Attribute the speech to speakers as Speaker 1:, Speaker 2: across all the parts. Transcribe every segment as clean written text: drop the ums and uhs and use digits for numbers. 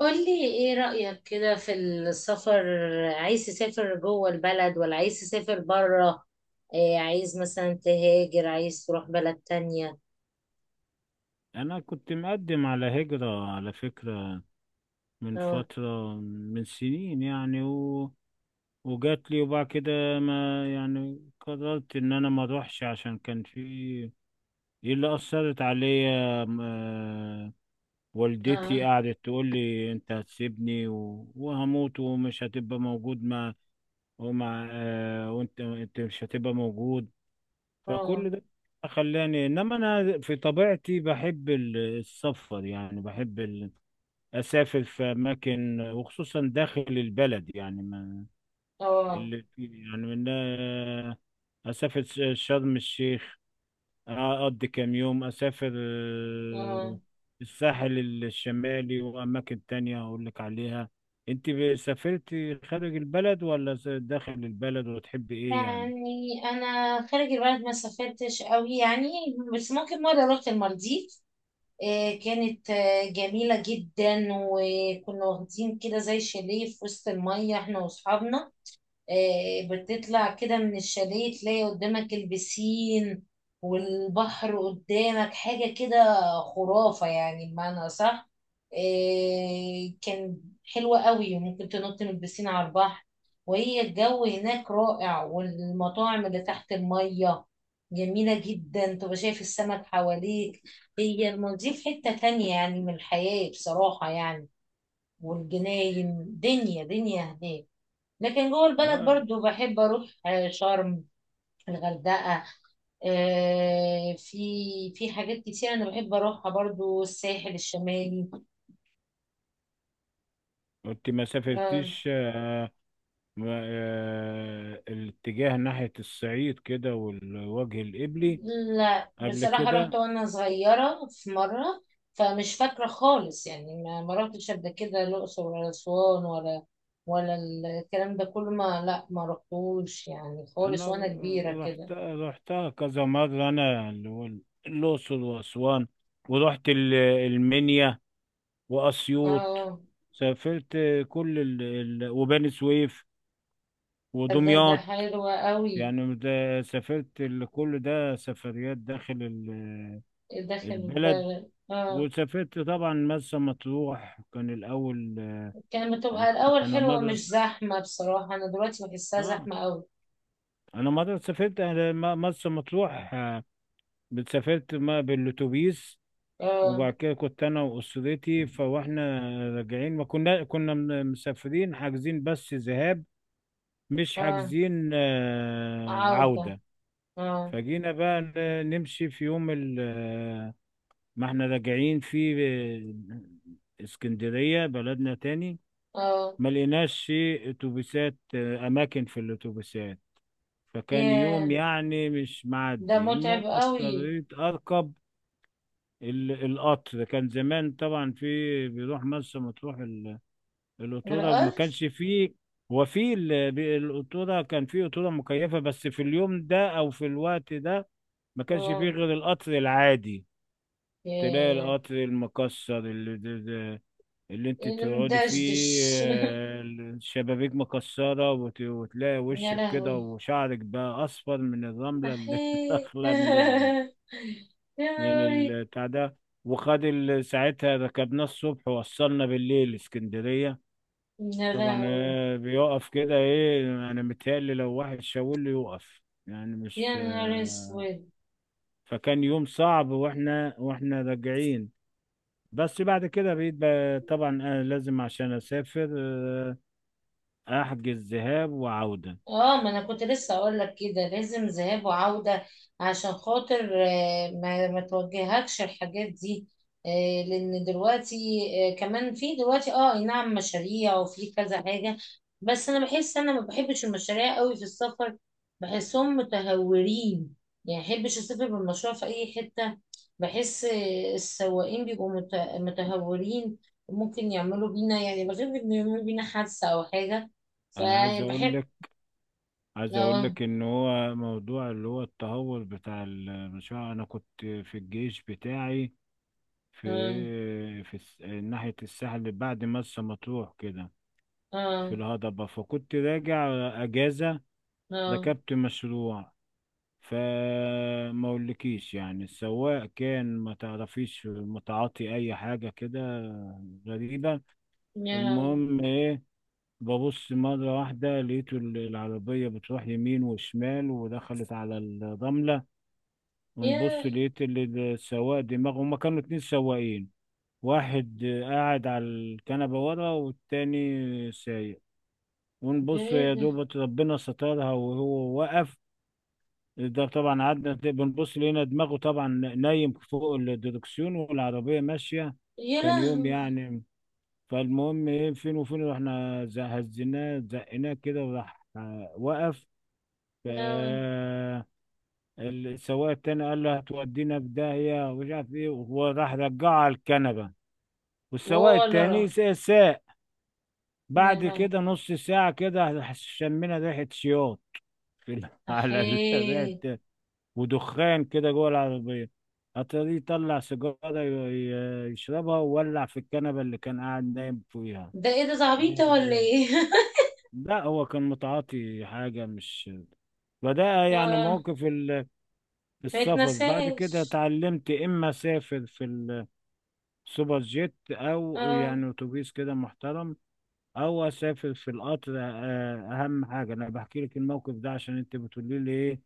Speaker 1: قولي ايه رأيك كده في السفر. عايز تسافر جوه البلد ولا عايز تسافر بره؟ إيه، عايز مثلا تهاجر، عايز تروح بلد تانية؟
Speaker 2: انا كنت مقدم على هجرة على فكرة، من
Speaker 1: اه.
Speaker 2: فترة، من سنين يعني وجات لي. وبعد كده ما يعني قررت ان انا ما اروحش، عشان كان في إيه اللي اثرت عليا والدتي
Speaker 1: اه.
Speaker 2: قعدت تقول لي انت هتسيبني وهموت ومش هتبقى موجود مع ومع آه، وانت مش هتبقى موجود.
Speaker 1: اه.
Speaker 2: فكل ده خلاني، انما انا في طبيعتي بحب السفر، يعني بحب اسافر في اماكن، وخصوصا داخل البلد. يعني ما
Speaker 1: اه.
Speaker 2: اللي يعني من آه، اسافر شرم الشيخ، اقضي كام يوم، اسافر
Speaker 1: اه.
Speaker 2: الساحل الشمالي واماكن تانية اقول لك عليها. انت سافرتي خارج البلد ولا داخل البلد، وتحبي ايه يعني؟
Speaker 1: يعني انا خارج البلد ما سافرتش قوي يعني، بس ممكن مرة رحت المالديف. إيه، كانت جميلة جدا، وكنا واخدين كده زي شاليه في وسط المية احنا واصحابنا. بتطلع كده من الشاليه تلاقي قدامك البسين والبحر قدامك، حاجة كده خرافة يعني بمعنى صح. كان حلوة قوي، ممكن تنط من البسين على البحر. وهي الجو هناك رائع، والمطاعم اللي تحت المية جميلة جدا، تبقى شايف السمك حواليك. هي المالديف حتة تانية يعني من الحياة بصراحة يعني. والجناين دنيا دنيا هناك. لكن جوه البلد
Speaker 2: اه،
Speaker 1: برضو بحب اروح شرم، الغردقة. في في حاجات كتير انا بحب اروحها، برضو الساحل الشمالي.
Speaker 2: انت ما
Speaker 1: آه،
Speaker 2: سافرتيش الاتجاه ناحية الصعيد كده والوجه القبلي
Speaker 1: لا
Speaker 2: قبل
Speaker 1: بصراحة رحت
Speaker 2: كده؟
Speaker 1: وانا صغيرة في مرة، فمش فاكرة خالص يعني ما رحتش قبل كده الأقصر ولا أسوان ولا ولا الكلام ده كله، ما رحتوش يعني خالص
Speaker 2: انا
Speaker 1: وانا كبيرة كده.
Speaker 2: رحت رحتها كذا مره، انا اللي هو الاقصر واسوان، ورحت المنيا واسيوط،
Speaker 1: اه.
Speaker 2: سافرت كل وبني سويف
Speaker 1: ده
Speaker 2: ودمياط،
Speaker 1: حلوة قوي.
Speaker 2: يعني ده سافرت كل ده سفريات داخل
Speaker 1: داخل
Speaker 2: البلد.
Speaker 1: البلد، اه.
Speaker 2: وسافرت طبعا مرسى مطروح كان الاول.
Speaker 1: كانت
Speaker 2: انا
Speaker 1: بتبقى الأول
Speaker 2: أنا
Speaker 1: حلوة،
Speaker 2: مره
Speaker 1: مش زحمة بصراحة، أنا دلوقتي بحسها
Speaker 2: اه
Speaker 1: زحمة أوي.
Speaker 2: انا مره سافرت مرسى مطروح سافرت ما بالاتوبيس.
Speaker 1: اه.
Speaker 2: وبعد كده كنت انا واسرتي، فاحنا راجعين، ما كنا مسافرين حاجزين بس ذهاب، مش
Speaker 1: اه،
Speaker 2: حاجزين
Speaker 1: عودة.
Speaker 2: عودة.
Speaker 1: اه.
Speaker 2: فجينا بقى نمشي في يوم ما احنا راجعين في اسكندرية بلدنا تاني.
Speaker 1: اه.
Speaker 2: ما لقيناش في اتوبيسات، اماكن في الاتوبيسات، فكان يوم
Speaker 1: ياه،
Speaker 2: يعني مش
Speaker 1: ده
Speaker 2: معدي. المهم
Speaker 1: متعب أوي.
Speaker 2: اضطريت اركب القطر. كان زمان طبعا في بيروح مرسى مطروح القطورة، وما كانش
Speaker 1: الرقص.
Speaker 2: فيه. هو في القطورة كان في قطورة مكيفة، بس في اليوم ده أو في الوقت ده ما كانش فيه
Speaker 1: اه.
Speaker 2: غير القطر العادي. تلاقي
Speaker 1: ياه.
Speaker 2: القطر المكسر اللي, ده ده اللي انت
Speaker 1: اللي
Speaker 2: تقعدي فيه،
Speaker 1: مدشدش.
Speaker 2: الشبابيك مكسرة، وتلاقي
Speaker 1: يا
Speaker 2: وشك كده
Speaker 1: لهوي.
Speaker 2: وشعرك بقى أصفر من الرملة اللي
Speaker 1: أحيي.
Speaker 2: داخلة من
Speaker 1: يا
Speaker 2: من
Speaker 1: نهاري.
Speaker 2: البتاع ده. وخد ساعتها ركبناه الصبح ووصلنا بالليل اسكندرية.
Speaker 1: يا
Speaker 2: طبعا
Speaker 1: لهوي.
Speaker 2: بيقف كده ايه، انا متهيألي لو واحد شاور له يوقف، يعني
Speaker 1: يا
Speaker 2: مش
Speaker 1: نهار أسود.
Speaker 2: فكان يوم صعب واحنا راجعين. بس بعد كده طبعا انا لازم عشان اسافر احجز ذهاب وعودة.
Speaker 1: اه، ما انا كنت لسه اقول لك كده لازم ذهاب وعودة، عشان خاطر ما توجهكش الحاجات دي. لان دلوقتي كمان في دلوقتي، اه أي نعم، مشاريع وفي كذا حاجة. بس انا بحس انا ما بحبش المشاريع قوي في السفر، بحسهم متهورين. يعني بحبش اسافر بالمشروع في اي حتة. بحس السواقين بيبقوا متهورين، وممكن يعملوا بينا يعني، بخاف إن يعملوا بينا حادثة او حاجة.
Speaker 2: انا عايز اقول
Speaker 1: فبحب.
Speaker 2: لك،
Speaker 1: اه.
Speaker 2: ان هو موضوع اللي هو التهور بتاع المشروع، انا كنت في الجيش بتاعي في
Speaker 1: اه.
Speaker 2: في الس- ناحية الساحل بعد مرسى مطروح كده،
Speaker 1: اه.
Speaker 2: في الهضبة، فكنت راجع أجازة،
Speaker 1: اه.
Speaker 2: ركبت مشروع. فما اقولكيش يعني، السواق كان ما تعرفيش متعاطي اي حاجة كده، غريبة.
Speaker 1: يا لهوي.
Speaker 2: المهم ايه، ببص مرة واحدة لقيت العربية بتروح يمين وشمال ودخلت على الرملة، ونبص
Speaker 1: يا،
Speaker 2: لقيت السواق دماغه، هما كانوا اتنين سواقين، واحد قاعد على الكنبة ورا والتاني سايق.
Speaker 1: ده
Speaker 2: ونبص
Speaker 1: ايه
Speaker 2: يا
Speaker 1: ده؟
Speaker 2: دوبة ربنا سترها وهو وقف. ده طبعا قعدنا بنبص لقينا دماغه طبعا نايم فوق الدركسيون والعربية ماشية.
Speaker 1: يا
Speaker 2: كان يوم
Speaker 1: لهوي.
Speaker 2: يعني. فالمهم ايه، فين وفين رحنا هزيناه زقناه كده وراح وقف. ف
Speaker 1: لا.
Speaker 2: السواق التاني قال له هتودينا في داهية ومش عارف ايه، وهو راح رجعه على الكنبة، والسواق
Speaker 1: ولا
Speaker 2: التاني
Speaker 1: راح.
Speaker 2: ساق.
Speaker 1: يا
Speaker 2: بعد
Speaker 1: لهوي.
Speaker 2: كده نص ساعة كده شمينا ريحة شياط في على
Speaker 1: احي.
Speaker 2: ريحة ودخان كده جوه العربية. أتاري طلع سيجارة يشربها وولع في الكنبة اللي كان قاعد نايم فيها،
Speaker 1: ده ايه ده،
Speaker 2: نايم
Speaker 1: زعبيطة ولا
Speaker 2: عليها.
Speaker 1: ايه؟
Speaker 2: لا هو كان متعاطي حاجة مش. فده يعني
Speaker 1: اه.
Speaker 2: موقف
Speaker 1: ما
Speaker 2: السفر. بعد كده
Speaker 1: يتنساش.
Speaker 2: اتعلمت إما أسافر في السوبر جيت، أو
Speaker 1: اه.
Speaker 2: يعني أتوبيس كده محترم. هو سافر في القطر اهم حاجه انا بحكي لك الموقف ده عشان انت بتقولي لي ايه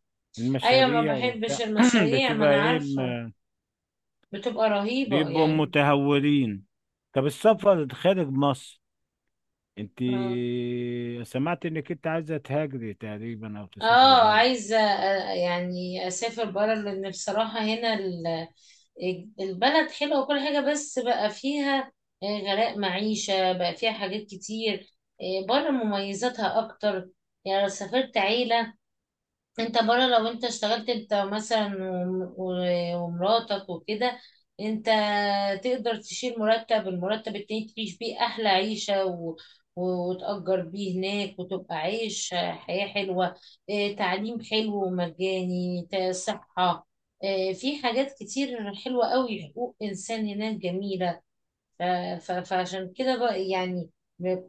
Speaker 1: ايوه، ما
Speaker 2: المشاريع وبتاع
Speaker 1: بحبش المشاريع، ما
Speaker 2: بتبقى
Speaker 1: انا
Speaker 2: ايه
Speaker 1: عارفة. بتبقى رهيبة
Speaker 2: بيبقوا
Speaker 1: يعني.
Speaker 2: متهورين. طب السفر خارج مصر، انت
Speaker 1: اه.
Speaker 2: سمعت انك انت عايزه تهاجري تقريبا او تسافري
Speaker 1: اه،
Speaker 2: بره.
Speaker 1: عايزة يعني اسافر بره، لان بصراحة هنا البلد حلوة وكل حاجة، بس بقى فيها غلاء معيشة، بقى فيها حاجات كتير. بره مميزاتها اكتر. يعني لو سافرت عيلة، انت بره، لو انت اشتغلت انت مثلا ومراتك وكده، انت تقدر تشيل مرتب، المرتب التاني تعيش بيه احلى عيشة وتأجر بيه هناك، وتبقى عايش حياة حلوة. اه، تعليم حلو ومجاني، صحة. اه، في حاجات كتير حلوة قوي، حقوق إنسان هناك جميلة. ف- فعشان كده بقى يعني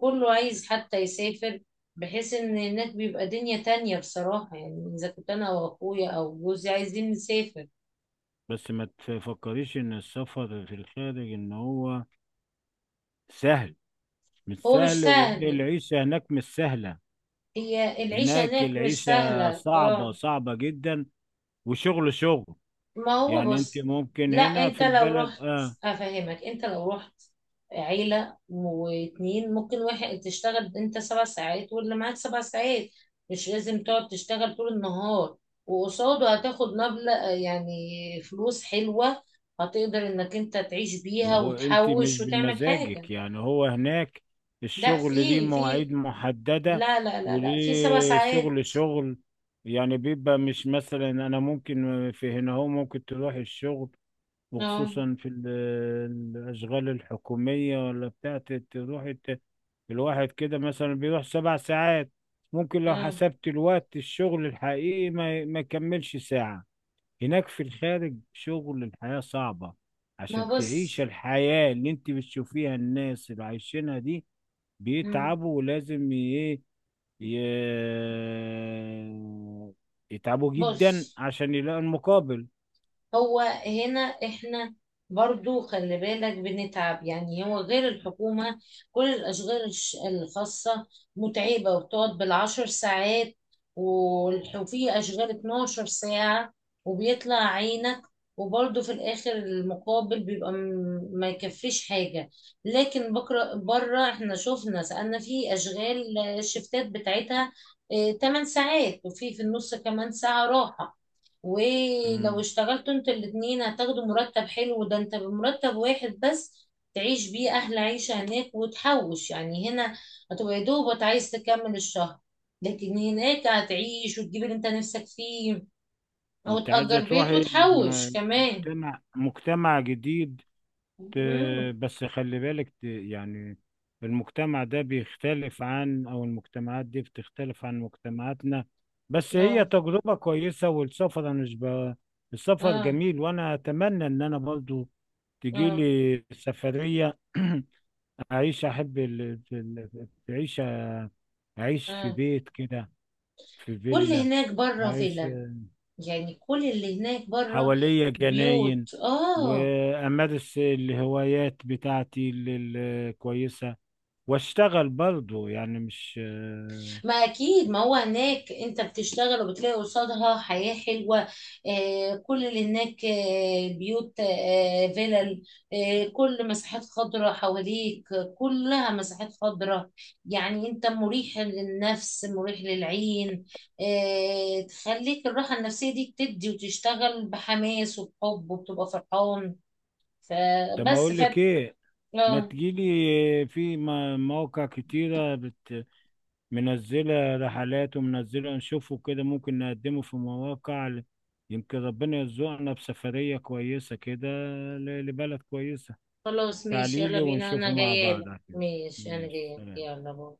Speaker 1: كله عايز حتى يسافر، بحيث ان هناك بيبقى دنيا تانية بصراحة يعني، اذا كنت انا او اخويا او جوزي عايزين نسافر.
Speaker 2: بس ما تفكريش ان السفر في الخارج ان هو سهل، مش
Speaker 1: هو مش
Speaker 2: سهل، وان
Speaker 1: سهل.
Speaker 2: العيشه هناك مش سهله.
Speaker 1: هي العيشة
Speaker 2: هناك
Speaker 1: هناك مش
Speaker 2: العيشه
Speaker 1: سهلة،
Speaker 2: صعبه،
Speaker 1: اه.
Speaker 2: صعبه جدا، وشغل.
Speaker 1: ما هو
Speaker 2: يعني انت
Speaker 1: بص.
Speaker 2: ممكن
Speaker 1: لا
Speaker 2: هنا
Speaker 1: انت
Speaker 2: في
Speaker 1: لو
Speaker 2: البلد
Speaker 1: رحت،
Speaker 2: اه،
Speaker 1: افهمك، انت لو رحت عيلة واتنين، ممكن واحد تشتغل انت سبع ساعات واللي معاك سبع ساعات، مش لازم تقعد تشتغل طول النهار، وقصاده هتاخد مبلغ يعني، فلوس حلوة، هتقدر انك انت تعيش
Speaker 2: ما
Speaker 1: بيها
Speaker 2: هو انت
Speaker 1: وتحوش
Speaker 2: مش
Speaker 1: وتعمل حاجة.
Speaker 2: بمزاجك. يعني هو هناك
Speaker 1: لا
Speaker 2: الشغل ليه
Speaker 1: في في،
Speaker 2: مواعيد محددة،
Speaker 1: لا في سبع
Speaker 2: وليه شغل
Speaker 1: ساعات.
Speaker 2: شغل يعني بيبقى مش مثلا انا ممكن في هنا، هو ممكن تروح الشغل
Speaker 1: اه.
Speaker 2: وخصوصا في الاشغال الحكومية ولا بتاعت تروح الواحد كده مثلا بيروح سبع ساعات، ممكن لو
Speaker 1: اه.
Speaker 2: حسبت الوقت الشغل الحقيقي ما يكملش ساعة. هناك في الخارج شغل، الحياة صعبة
Speaker 1: ما
Speaker 2: عشان تعيش
Speaker 1: بص.
Speaker 2: الحياة اللي انت بتشوفيها، الناس اللي عايشينها دي
Speaker 1: مم.
Speaker 2: بيتعبوا، ولازم ي- يتعبوا جدا
Speaker 1: بص،
Speaker 2: عشان يلاقوا المقابل.
Speaker 1: هو هنا احنا برضو خلي بالك بنتعب يعني، هو غير الحكومة كل الأشغال الخاصة متعبة، وبتقعد بالعشر ساعات، وفي أشغال 12 ساعة وبيطلع عينك، وبرضو في الآخر المقابل بيبقى ما يكفيش حاجة. لكن بكرة بره احنا شفنا، سألنا، في أشغال الشفتات بتاعتها 8 ساعات، وفي في النص كمان ساعة راحة، ولو
Speaker 2: مم.
Speaker 1: اشتغلتوا انتوا الاتنين هتاخدوا مرتب حلو، ده انت بمرتب واحد بس تعيش بيه احلى عيشة هناك وتحوش. يعني هنا هتبقى يا دوبك عايز تكمل الشهر، لكن هناك هتعيش وتجيب اللي انت نفسك فيه، او
Speaker 2: انت عايزة
Speaker 1: تأجر بيت
Speaker 2: تروحي
Speaker 1: وتحوش كمان.
Speaker 2: مجتمع جديد، ت-
Speaker 1: امم.
Speaker 2: بس خلي بالك يعني المجتمع ده بيختلف عن، او المجتمعات دي بتختلف عن مجتمعاتنا. بس هي
Speaker 1: اه.
Speaker 2: تجربة كويسة، والسفر انا مش السفر
Speaker 1: اه.
Speaker 2: جميل، وانا اتمنى ان انا برضو تجي
Speaker 1: اه.
Speaker 2: لي سفرية. اعيش، احب ال... ال- تعيش اعيش في
Speaker 1: اه.
Speaker 2: بيت كده، في
Speaker 1: كل
Speaker 2: فيلا،
Speaker 1: هناك بره
Speaker 2: اعيش
Speaker 1: فيلم. يعني كل اللي هناك بره
Speaker 2: حواليا جناين،
Speaker 1: بيوت، اه.
Speaker 2: وامارس الهوايات بتاعتي الكويسة، واشتغل برضه، يعني مش.
Speaker 1: ما اكيد، ما هو هناك انت بتشتغل وبتلاقي قصادها حياة حلوة. آه كل اللي هناك آه بيوت آه فيلل، آه كل مساحات خضراء حواليك، آه، كلها مساحات خضراء، يعني انت مريح للنفس مريح للعين. آه تخليك الراحة النفسية دي تدي، وتشتغل بحماس وبحب وبتبقى فرحان.
Speaker 2: طب ما
Speaker 1: فبس
Speaker 2: اقول لك
Speaker 1: فت...
Speaker 2: ايه، ما
Speaker 1: آه،
Speaker 2: تجيلي في مواقع كتيرة منزلة رحلات ومنزلة، نشوفه كده ممكن نقدمه في مواقع يمكن ربنا يرزقنا بسفرية كويسة كده، لبلد كويسة.
Speaker 1: خلاص ماشي، يلا
Speaker 2: تعاليلي
Speaker 1: بينا،
Speaker 2: ونشوفه
Speaker 1: انا
Speaker 2: مع بعض
Speaker 1: جايالك،
Speaker 2: على كده.
Speaker 1: ماشي انا
Speaker 2: ماشي،
Speaker 1: جايالك،
Speaker 2: سلام.
Speaker 1: يلا باي.